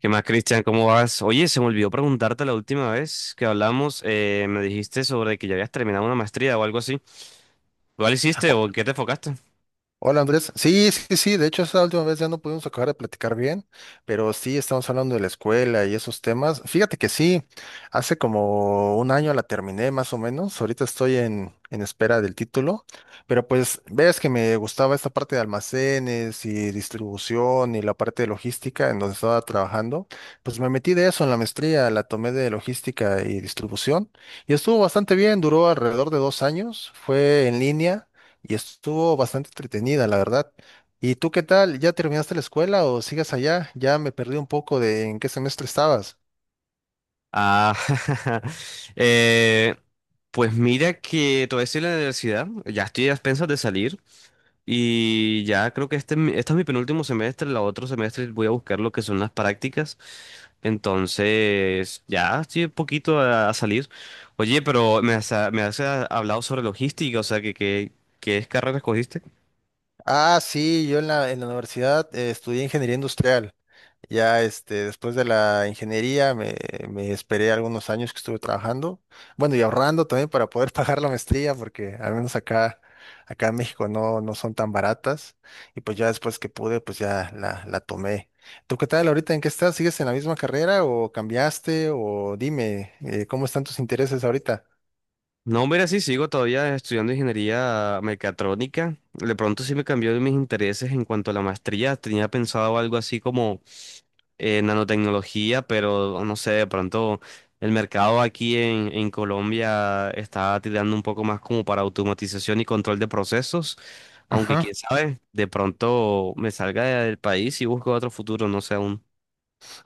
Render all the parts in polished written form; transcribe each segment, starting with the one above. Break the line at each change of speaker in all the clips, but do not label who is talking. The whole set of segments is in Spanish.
¿Qué más, Cristian? ¿Cómo vas? Oye, se me olvidó preguntarte la última vez que hablamos, me dijiste sobre que ya habías terminado una maestría o algo así. ¿Cuál hiciste
O-
o en qué te enfocaste?
Hola Andrés, sí, sí, sí, de hecho esa última vez ya no pudimos acabar de platicar bien, pero sí estamos hablando de la escuela y esos temas. Fíjate que sí, hace como un año la terminé más o menos, ahorita estoy en espera del título, pero pues ves que me gustaba esta parte de almacenes y distribución y la parte de logística en donde estaba trabajando, pues me metí de eso en la maestría, la tomé de logística y distribución y estuvo bastante bien, duró alrededor de 2 años, fue en línea y estuvo bastante entretenida, la verdad. ¿Y tú qué tal? ¿Ya terminaste la escuela o sigues allá? Ya me perdí un poco de en qué semestre estabas.
Ah, eh, pues mira que todavía estoy en la universidad, ya estoy a expensas de salir, y ya creo que este es mi penúltimo semestre, el otro semestre voy a buscar lo que son las prácticas. Entonces, ya estoy un poquito a salir. Oye, pero me has hablado sobre logística, o sea, que, ¿qué carrera escogiste?
Ah, sí, yo en la universidad estudié ingeniería industrial. Ya este, después de la ingeniería me esperé algunos años que estuve trabajando, bueno, y ahorrando también para poder pagar la maestría, porque al menos acá, en México no, no son tan baratas. Y pues ya después que pude, pues ya la tomé. ¿Tú qué tal ahorita? ¿En qué estás? ¿Sigues en la misma carrera o cambiaste? O dime, ¿cómo están tus intereses ahorita?
No, mira, sí, sigo todavía estudiando ingeniería mecatrónica. De pronto sí me cambió mis intereses en cuanto a la maestría. Tenía pensado algo así como nanotecnología, pero no sé, de pronto el mercado aquí en Colombia está tirando un poco más como para automatización y control de procesos. Aunque quién sabe, de pronto me salga del país y busco otro futuro, no sé aún.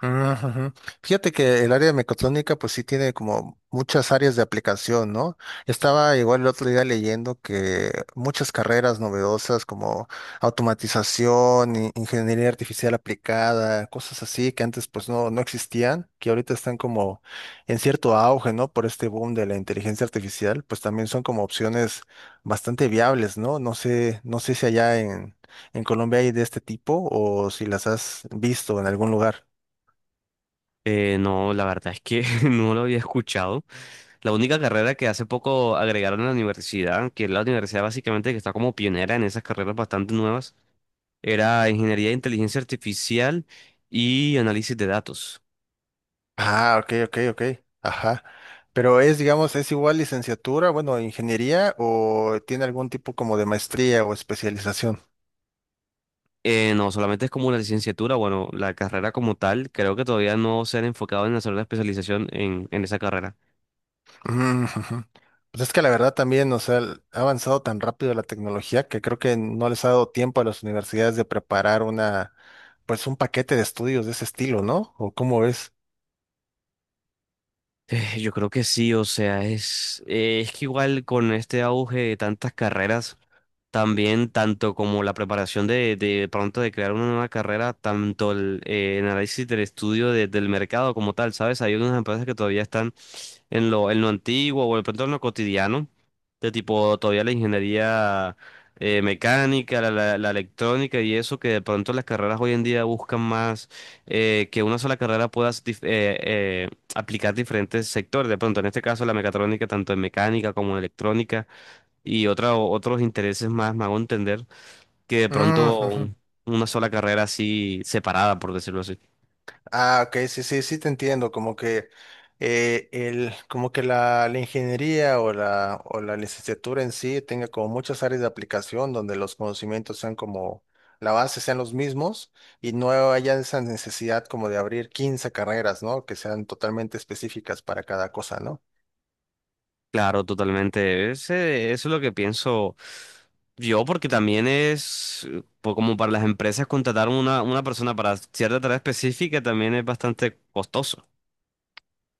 Ujú. Fíjate que el área de mecatrónica pues sí tiene como muchas áreas de aplicación, ¿no? Estaba igual el otro día leyendo que muchas carreras novedosas como automatización, ingeniería artificial aplicada, cosas así que antes pues no, no existían, que ahorita están como en cierto auge, ¿no? Por este boom de la inteligencia artificial, pues también son como opciones bastante viables, ¿no? No sé, no sé si allá en, Colombia hay de este tipo o si las has visto en algún lugar.
No, la verdad es que no lo había escuchado. La única carrera que hace poco agregaron a la universidad, que es la universidad básicamente que está como pionera en esas carreras bastante nuevas, era Ingeniería de Inteligencia Artificial y Análisis de Datos.
Ah, ok, ok, ok. Ajá. Pero es, digamos, es igual licenciatura, bueno, ingeniería o tiene algún tipo como de maestría o especialización.
No, solamente es como una licenciatura, bueno, la carrera como tal, creo que todavía no se han enfocado en hacer la especialización en esa carrera.
Mm, ujú. Pues es que la verdad también, o sea, ha avanzado tan rápido la tecnología que creo que no les ha dado tiempo a las universidades de preparar pues un paquete de estudios de ese estilo, ¿no? ¿O cómo es?
Yo creo que sí, o sea, es que igual con este auge de tantas carreras también, tanto como la preparación de pronto de crear una nueva carrera, tanto el análisis del estudio del mercado como tal, ¿sabes? Hay unas empresas que todavía están en lo antiguo o de pronto en lo cotidiano, de tipo todavía la ingeniería mecánica, la electrónica y eso, que de pronto las carreras hoy en día buscan más que una sola carrera pueda aplicar diferentes sectores. De pronto, en este caso, la mecatrónica, tanto en mecánica como en electrónica otros intereses más, me hago entender, que de pronto una sola carrera así separada, por decirlo así.
Ah, ok, sí, sí, sí te entiendo, como que como que la ingeniería o o la licenciatura en sí tenga como muchas áreas de aplicación donde los conocimientos sean como, la base sean los mismos y no haya esa necesidad como de abrir 15 carreras, ¿no? Que sean totalmente específicas para cada cosa, ¿no?
Claro, totalmente. Eso es lo que pienso yo, porque también es como para las empresas contratar una persona para cierta tarea específica también es bastante costoso.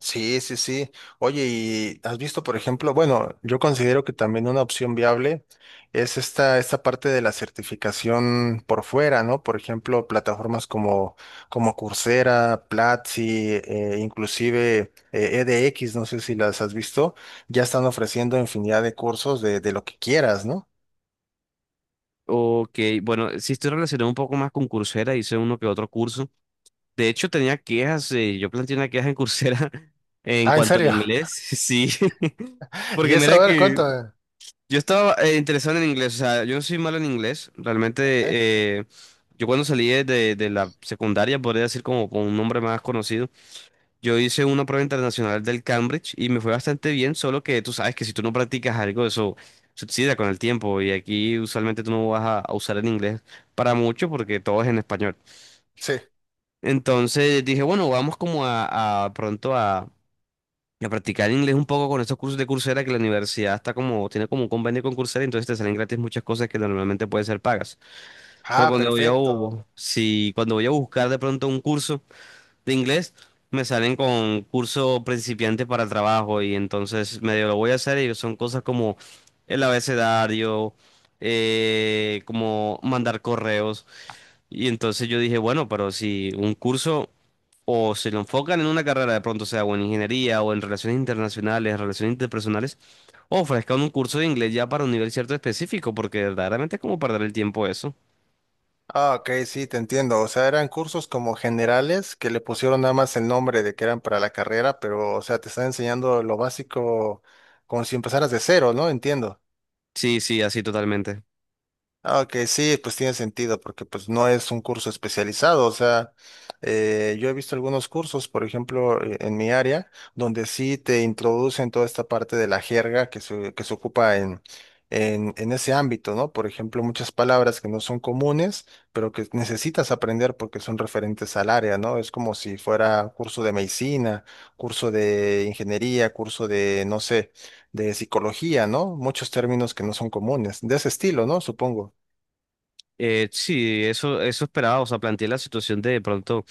Sí, sí, sí. Oye, ¿y has visto, por ejemplo, bueno, yo considero que también una opción viable es esta parte de la certificación por fuera, ¿no? Por ejemplo, plataformas como Coursera, Platzi, inclusive EDX, no sé si las has visto, ya están ofreciendo infinidad de cursos de lo que quieras, ¿no?
Ok, bueno, sí estoy relacionado un poco más con Coursera, hice uno que otro curso. De hecho, tenía quejas, yo planteé una queja en Coursera en
Ah, ¿en
cuanto al
serio?
inglés, sí,
¿Y
porque
eso?
mira
A ver, cuánto.
que yo estaba interesado en el inglés, o sea, yo no soy malo en inglés, realmente
¿Eh?
yo cuando salí de la secundaria, podría decir como con un nombre más conocido, yo hice una prueba internacional del Cambridge y me fue bastante bien, solo que tú sabes que si tú no practicas algo, eso suicida con el tiempo y aquí usualmente tú no vas a usar el inglés para mucho porque todo es en español.
Sí.
Entonces dije, bueno, vamos como a pronto a practicar inglés un poco con estos cursos de Coursera que la universidad está como, tiene como un convenio con Coursera, entonces te salen gratis muchas cosas que normalmente pueden ser pagas. Pero
Ah,
cuando voy a,
perfecto.
bu- si, cuando voy a buscar de pronto un curso de inglés, me salen con curso principiante para trabajo y entonces medio lo voy a hacer y son cosas como el abecedario, como mandar correos. Y entonces yo dije, bueno, pero si un curso o se lo enfocan en una carrera de pronto, sea o en ingeniería o en relaciones internacionales, relaciones interpersonales, o ofrezcan un curso de inglés ya para un nivel cierto específico, porque verdaderamente es como perder el tiempo eso.
Ah, ok, sí, te entiendo. O sea, eran cursos como generales que le pusieron nada más el nombre de que eran para la carrera, pero, o sea, te están enseñando lo básico como si empezaras de cero, ¿no? Entiendo.
Sí, sí, así totalmente.
Ah, ok, sí, pues tiene sentido, porque pues no es un curso especializado, o sea, yo he visto algunos cursos, por ejemplo, en mi área, donde sí te introducen toda esta parte de la jerga que se ocupa en, en ese ámbito, ¿no? Por ejemplo, muchas palabras que no son comunes, pero que necesitas aprender porque son referentes al área, ¿no? Es como si fuera curso de medicina, curso de ingeniería, curso de, no sé, de psicología, ¿no? Muchos términos que no son comunes, de ese estilo, ¿no? Supongo.
Sí, eso esperaba, o sea, planteé la situación de pronto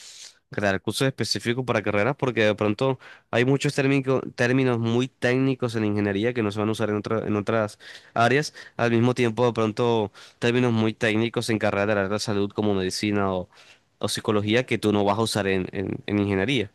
crear cursos específicos para carreras porque de pronto hay muchos términos muy técnicos en ingeniería que no se van a usar en en otras áreas, al mismo tiempo de pronto términos muy técnicos en carreras del área de la salud como medicina o psicología que tú no vas a usar en ingeniería.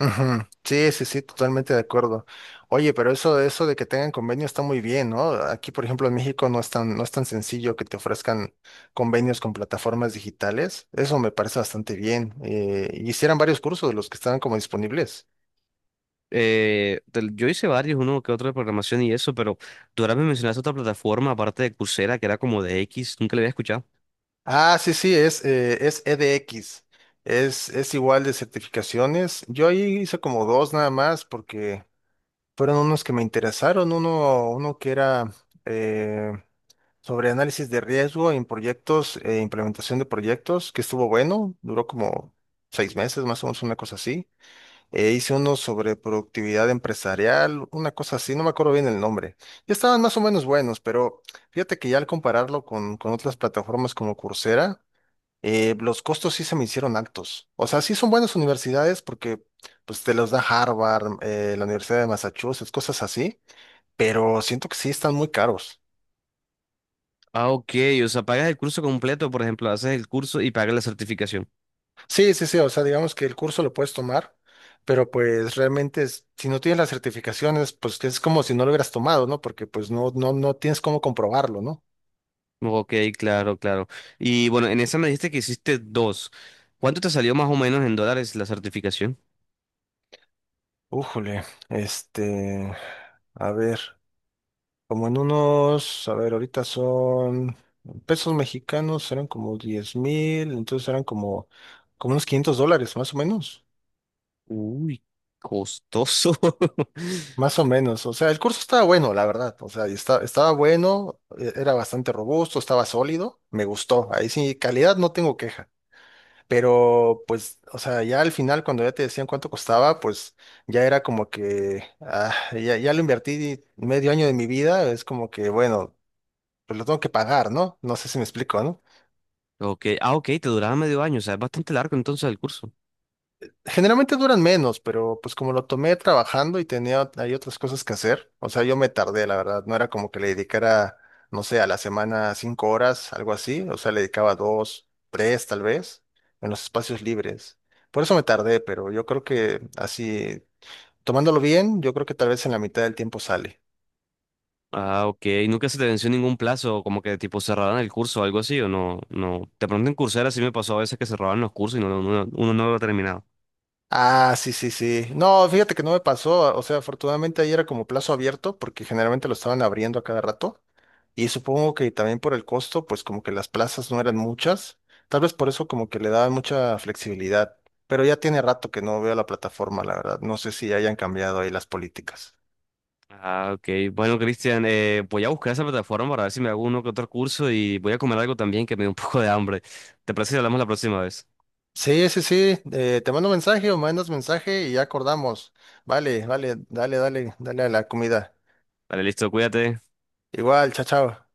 Ujú. Sí, sí, sí, totalmente de acuerdo. Oye, pero eso, de que tengan convenio está muy bien, ¿no? Aquí, por ejemplo, en México no es tan, sencillo que te ofrezcan convenios con plataformas digitales. Eso me parece bastante bien. Y hicieran varios cursos de los que estaban como disponibles.
Yo hice varios, uno que otro de programación y eso, pero tú ahora me mencionaste otra plataforma aparte de Coursera que era como de X, nunca le había escuchado.
Ah, sí, sí, es, es EDX. Es igual de certificaciones. Yo ahí hice como dos nada más porque fueron unos que me interesaron. Uno que era eh, sobre análisis de riesgo en proyectos, implementación de proyectos, que estuvo bueno, duró como 6 meses, más o menos una cosa así. E hice uno sobre productividad empresarial, una cosa así, no me acuerdo bien el nombre. Y estaban más o menos buenos, pero fíjate que ya al compararlo con otras plataformas como Coursera, los costos sí se me hicieron altos. O sea, sí son buenas universidades porque pues te los da Harvard, la Universidad de Massachusetts, cosas así, pero siento que sí están muy caros.
Ah, ok, o sea, pagas el curso completo, por ejemplo, haces el curso y pagas la certificación.
Sí, sí, sí, o sea, digamos que el curso lo puedes tomar, pero pues realmente si no tienes las certificaciones, pues es como si no lo hubieras tomado, ¿no? Porque pues no, no, no tienes cómo comprobarlo, ¿no?
Ok, claro, claro. Y bueno, en esa me dijiste que hiciste dos. ¿Cuánto te salió más o menos en dólares la certificación?
Újole, este, a ver, como en unos, a ver, ahorita son pesos mexicanos, eran como 10,000, entonces eran como, unos 500 dólares, más o menos.
Uy, costoso.
Más o menos, o sea, el curso estaba bueno, la verdad, o sea, y estaba bueno, era bastante robusto, estaba sólido, me gustó, ahí sí, calidad no tengo queja, pero pues, o sea, ya al final cuando ya te decían cuánto costaba, pues ya era como que, ah, ya, ya lo invertí medio año de mi vida, es como que, bueno, pues lo tengo que pagar, ¿no? No sé si me explico, ¿no?
Ok, ah, ok, te duraba medio año, o sea, es bastante largo entonces el curso.
Generalmente duran menos, pero pues como lo tomé trabajando y tenía hay otras cosas que hacer, o sea, yo me tardé, la verdad, no era como que le dedicara, no sé, a la semana 5 horas, algo así, o sea, le dedicaba dos, tres tal vez, en los espacios libres. Por eso me tardé, pero yo creo que así, tomándolo bien, yo creo que tal vez en la mitad del tiempo sale.
Ah, ok, ¿nunca se te venció ningún plazo, como que tipo cerraran el curso o algo así, o no? No, de pronto en Coursera sí me pasó a veces que cerraban los cursos y uno no lo terminaba.
Ah, sí, sí, sí. No, fíjate que no me pasó, o sea, afortunadamente ahí era como plazo abierto, porque generalmente lo estaban abriendo a cada rato. Y supongo que también por el costo, pues como que las plazas no eran muchas. Tal vez por eso como que le daban mucha flexibilidad. Pero ya tiene rato que no veo la plataforma, la verdad. No sé si hayan cambiado ahí las políticas.
Ah, ok. Bueno, Cristian, voy a buscar esa plataforma para ver si me hago uno que otro curso y voy a comer algo también que me dé un poco de hambre. ¿Te parece si hablamos la próxima vez?
Sí, sí, sí. Te mando mensaje o mandas mensaje y ya acordamos. Vale, vale, dale, dale, dale a la comida.
Dale, listo, cuídate.
Igual, chao, chao.